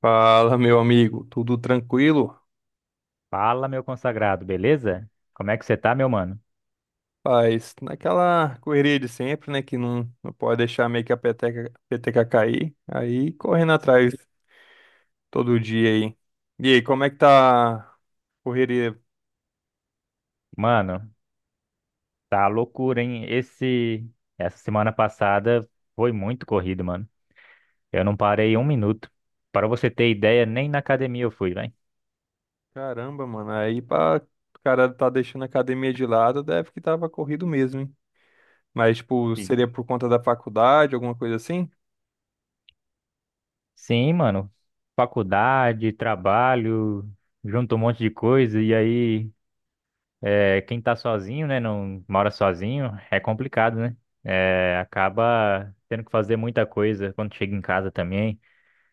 Fala, meu amigo, tudo tranquilo? Fala, meu consagrado, beleza? Como é que você tá, meu mano? Paz, naquela correria de sempre, né, que não pode deixar meio que a peteca cair, aí correndo atrás todo dia aí. E aí, como é que tá a correria? Mano, tá loucura, hein? Essa semana passada foi muito corrido, mano. Eu não parei um minuto. Para você ter ideia, nem na academia eu fui, velho. Caramba, mano, aí pra o cara tá deixando a academia de lado, deve que tava corrido mesmo, hein? Mas, tipo, Sim, seria por conta da faculdade, alguma coisa assim? sim, mano. Faculdade, trabalho, junto um monte de coisa. E aí, é, quem tá sozinho, né? Não mora sozinho, é complicado, né? É, acaba tendo que fazer muita coisa quando chega em casa também.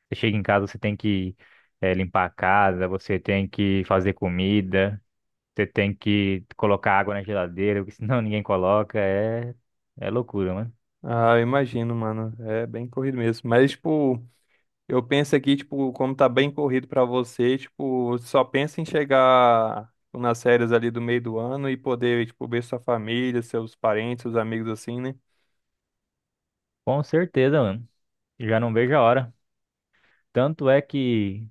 Você chega em casa, você tem que limpar a casa, você tem que fazer comida, você tem que colocar água na geladeira, porque senão ninguém coloca. É, é loucura, mano. Ah, eu imagino, mano, é bem corrido mesmo. Mas, tipo, eu penso aqui, tipo, como tá bem corrido pra você, tipo, só pensa em chegar tipo, nas férias ali do meio do ano e poder, tipo, ver sua família, seus parentes, seus amigos assim, né? Com certeza, mano. Já não vejo a hora. Tanto é que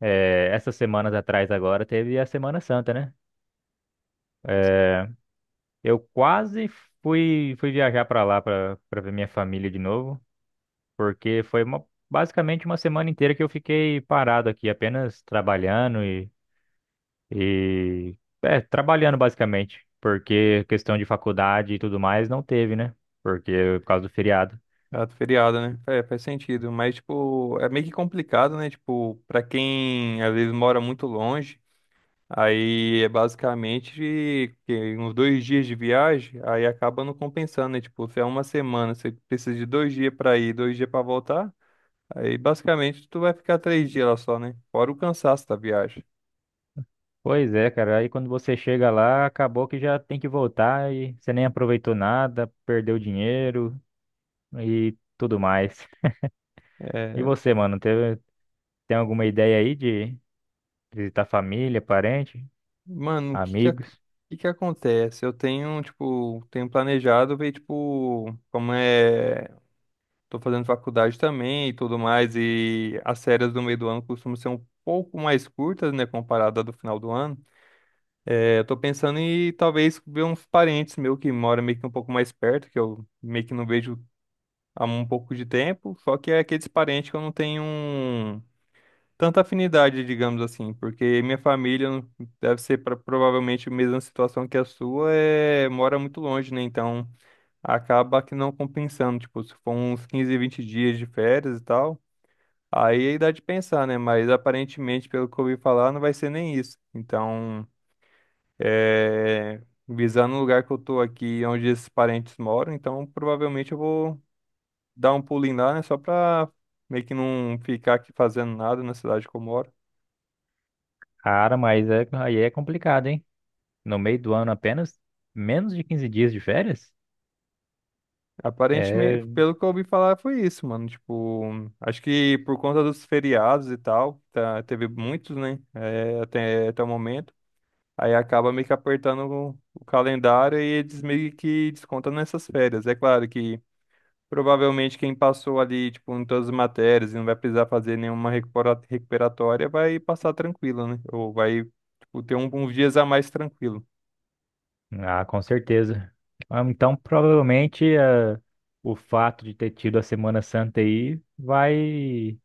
essas semanas atrás agora teve a Semana Santa, né? Eh, eu quase fui viajar pra lá pra para ver minha família de novo, porque basicamente uma semana inteira que eu fiquei parado aqui, apenas trabalhando. E é, trabalhando basicamente, porque questão de faculdade e tudo mais não teve, né? Porque por causa do feriado. Ah, do feriado, né? É, faz sentido, mas, tipo, é meio que complicado, né? Tipo, pra quem às vezes mora muito longe, aí é basicamente que uns dois dias de viagem, aí acaba não compensando, né? Tipo, se é uma semana, você precisa de dois dias pra ir, dois dias pra voltar. Aí basicamente tu vai ficar três dias lá só, né? Fora o cansaço da viagem. Pois é, cara, aí quando você chega lá, acabou que já tem que voltar e você nem aproveitou nada, perdeu dinheiro e tudo mais. E É, você, mano, tem alguma ideia aí de visitar família, parente, mano, o que que, ac- o amigos? que que acontece? Eu tenho, tipo, tenho planejado ver, tipo, como é. Tô fazendo faculdade também e tudo mais, e as férias do meio do ano costumam ser um pouco mais curtas, né, comparada à do final do ano. É, eu tô pensando em talvez ver uns parentes meu que moram meio que um pouco mais perto, que eu meio que não vejo há um pouco de tempo, só que é aqueles parentes que eu não tenho um tanta afinidade, digamos assim, porque minha família não- deve ser pra, provavelmente a mesma situação que a sua, é, mora muito longe, né? Então acaba que não compensando, tipo, se for uns 15, 20 dias de férias e tal, aí dá de pensar, né? Mas aparentemente, pelo que eu ouvi falar, não vai ser nem isso. Então, é, visando o lugar que eu tô aqui, onde esses parentes moram, então provavelmente eu vou dar um pulinho lá, né? Só pra meio que não ficar aqui fazendo nada na cidade que eu moro. Cara, aí é complicado, hein? No meio do ano apenas menos de 15 dias de férias? Aparentemente, É. pelo que eu ouvi falar, foi isso, mano. Tipo, acho que por conta dos feriados e tal, tá, teve muitos, né? É, até o momento. Aí acaba meio que apertando o calendário e eles meio que descontam nessas férias. É claro que provavelmente quem passou ali, tipo, em todas as matérias e não vai precisar fazer nenhuma recuperatória vai passar tranquilo, né? Ou vai, tipo, ter uns dias a mais tranquilo. Ah, com certeza. Ah, então, provavelmente, o fato de ter tido a Semana Santa aí vai,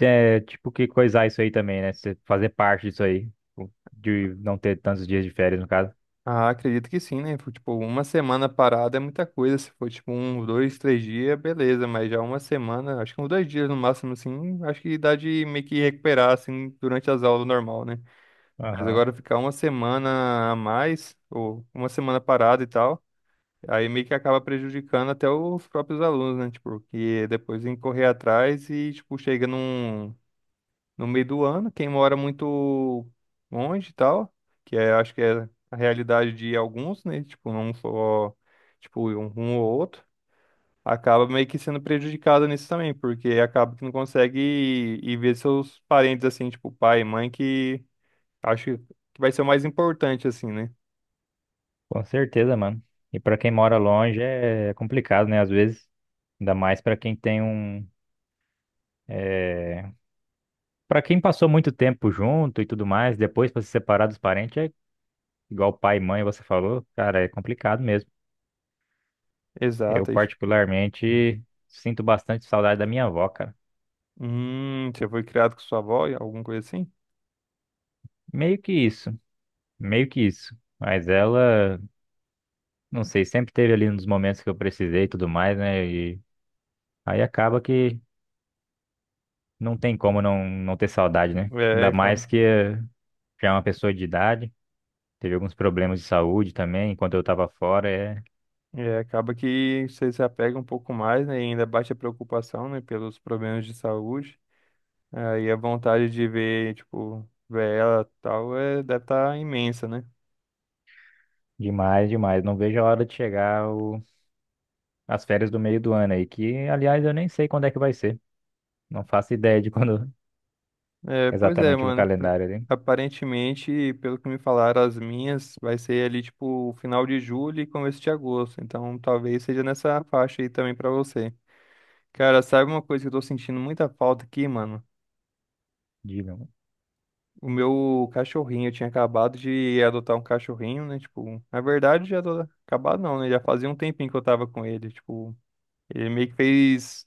é, tipo, que coisar isso aí também, né? Você fazer parte disso aí, de não ter tantos dias de férias, no caso. Ah, acredito que sim, né? Foi, tipo, uma semana parada é muita coisa. Se for, tipo, um, dois, três dias, beleza. Mas já uma semana, acho que uns dois dias no máximo, assim, acho que dá de meio que recuperar, assim, durante as aulas normal, né? Mas Aham. agora ficar uma semana a mais, ou uma semana parada e tal, aí meio que acaba prejudicando até os próprios alunos, né? Tipo, que depois tem que correr atrás e, tipo, chega num, no meio do ano. Quem mora muito longe e tal, que é, acho que é a realidade de alguns, né? Tipo, não só, tipo, um ou outro, acaba meio que sendo prejudicado nisso também, porque acaba que não consegue ir ver seus parentes, assim, tipo, pai e mãe, que acho que vai ser o mais importante, assim, né? Com certeza, mano. E pra quem mora longe é complicado, né? Às vezes, ainda mais pra quem tem um. É... Para quem passou muito tempo junto e tudo mais, depois pra se separar dos parentes é igual pai e mãe você falou, cara, é complicado mesmo. Eu Exato, aí, tipo, particularmente sinto bastante saudade da minha avó, cara. Você foi criado com sua avó, alguma coisa assim? Meio que isso, meio que isso. Mas ela, não sei, sempre teve ali nos momentos que eu precisei e tudo mais, né? E aí acaba que não tem como não ter saudade, né? É, Ainda mais acaba. que já é uma pessoa de idade, teve alguns problemas de saúde também, enquanto eu tava fora, é É, acaba que você se apega um pouco mais, né? E ainda bate a preocupação, né? Pelos problemas de saúde. Aí a vontade de ver, tipo, ver ela e tal, é, deve estar imensa, né? demais, demais. Não vejo a hora de chegar as férias do meio do ano aí, que aliás eu nem sei quando é que vai ser. Não faço ideia de quando É, pois é, exatamente no mano. Pra- calendário ali. aparentemente, pelo que me falaram, as minhas vai ser ali, tipo, final de julho e começo de agosto. Então, talvez seja nessa faixa aí também pra você. Cara, sabe uma coisa que eu tô sentindo muita falta aqui, mano? Diga. O meu cachorrinho, eu tinha acabado de adotar um cachorrinho, né? Tipo, na verdade, já tô... acabado não, né? Já fazia um tempinho que eu tava com ele. Tipo, ele meio que fez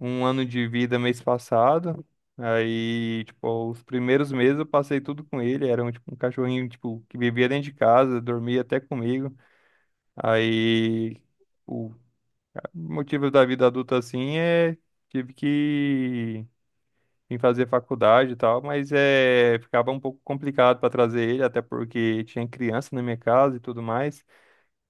um ano de vida mês passado. Aí, tipo, os primeiros meses eu passei tudo com ele. Era um, tipo, um cachorrinho, tipo, que vivia dentro de casa, dormia até comigo. Aí, o motivo da vida adulta, assim, é... Tive que em fazer faculdade e tal, mas é, ficava um pouco complicado para trazer ele, até porque tinha criança na minha casa e tudo mais.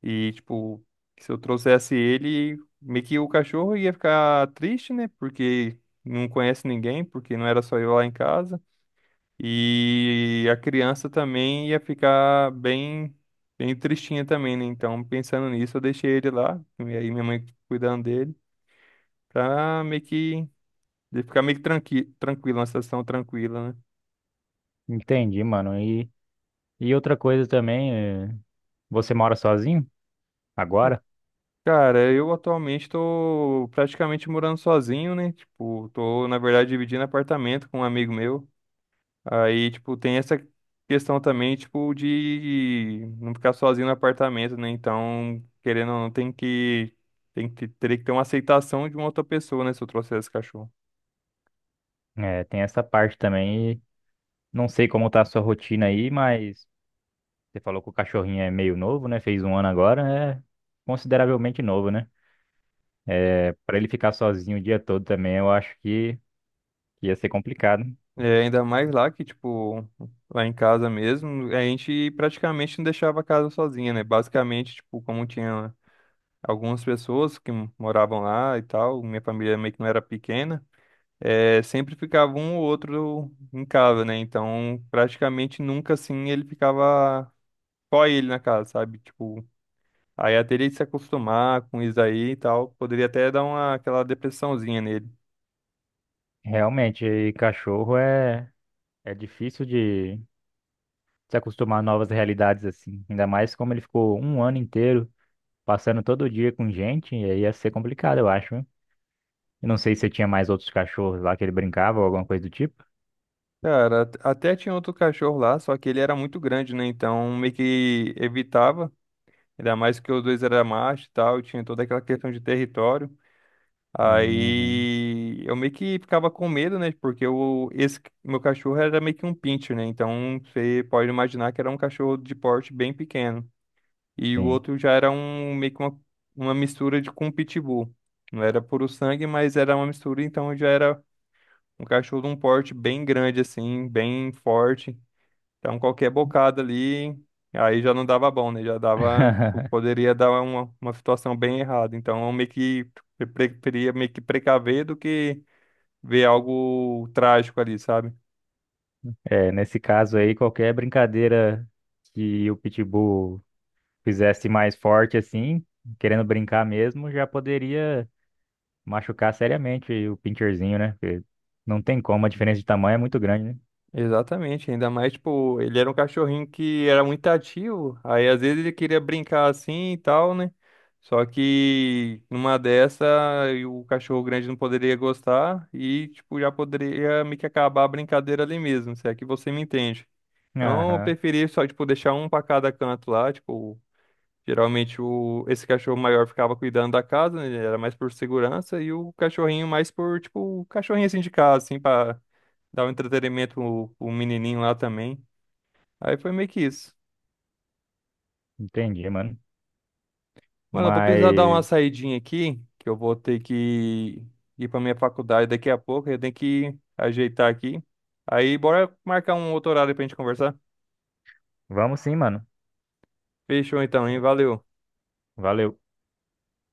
E, tipo, se eu trouxesse ele, meio que o cachorro ia ficar triste, né? Porque não conhece ninguém, porque não era só eu lá em casa. E a criança também ia ficar bem, bem tristinha também, né? Então, pensando nisso, eu deixei ele lá, e aí minha mãe cuidando dele, pra meio que. Ele ficar meio que tranquilo, uma situação tranquila, né? Entendi, mano. E outra coisa também, é, você mora sozinho agora? Cara, eu atualmente tô praticamente morando sozinho, né? Tipo, tô, na verdade, dividindo apartamento com um amigo meu. Aí, tipo, tem essa questão também, tipo, de não ficar sozinho no apartamento, né? Então, querendo ou não, teria que ter uma aceitação de uma outra pessoa, né? Se eu trouxer esse cachorro. É, tem essa parte também. E não sei como tá a sua rotina aí, mas você falou que o cachorrinho é meio novo, né? Fez um ano agora, é consideravelmente novo, né? É, para ele ficar sozinho o dia todo também, eu acho que ia ser complicado. É, ainda mais lá que, tipo, lá em casa mesmo, a gente praticamente não deixava a casa sozinha, né? Basicamente, tipo, como tinha algumas pessoas que moravam lá e tal, minha família meio que não era pequena, é, sempre ficava um ou outro em casa, né? Então, praticamente nunca assim ele ficava só ele na casa, sabe? Tipo, aí até ele se acostumar com isso aí e tal, poderia até dar uma aquela depressãozinha nele. Realmente, e é difícil de se acostumar a novas realidades assim. Ainda mais como ele ficou um ano inteiro passando todo dia com gente, e aí ia ser complicado, eu acho, né? Eu não sei se tinha mais outros cachorros lá que ele brincava ou alguma coisa do tipo. Cara, até tinha outro cachorro lá, só que ele era muito grande, né? Então meio que evitava, ainda mais que os dois eram macho e tal, e tinha toda aquela questão de território. Uhum, Aí eu meio que ficava com medo, né? Porque esse meu cachorro era meio que um pincher, né? Então você pode imaginar que era um cachorro de porte bem pequeno. E o sim. outro já era um meio que uma mistura de com um pitbull. Não era puro sangue, mas era uma mistura, então já era um cachorro de um porte bem grande, assim, bem forte. Então qualquer bocado ali, aí já não dava bom, né? Já dava, tipo, poderia dar uma situação bem errada. Então eu meio que preferia meio que precaver do que ver algo trágico ali, sabe? É, nesse caso aí, qualquer brincadeira que o Pitbull fizesse mais forte assim, querendo brincar mesmo, já poderia machucar seriamente o Pincherzinho, né? Porque não tem como, a diferença de tamanho é muito grande, né? Exatamente, ainda mais, tipo, ele era um cachorrinho que era muito ativo, aí às vezes ele queria brincar assim e tal, né? Só que numa dessa, e o cachorro grande não poderia gostar e, tipo, já poderia meio que acabar a brincadeira ali mesmo, se é que você me entende. Então, eu Aham, preferi só, tipo, deixar um pra cada canto lá, tipo, geralmente esse cachorro maior ficava cuidando da casa, né? Ele era mais por segurança, e o cachorrinho mais por, tipo, o cachorrinho assim de casa, assim, pra dar um entretenimento pro menininho lá também. Aí foi meio que isso. entendi, mano. Mano, eu vou precisar dar uma Mas saidinha aqui, que eu vou ter que ir pra minha faculdade daqui a pouco, eu tenho que ajeitar aqui. Aí, bora marcar um outro horário pra gente conversar? vamos sim, mano. Fechou então, hein? Valeu. Valeu.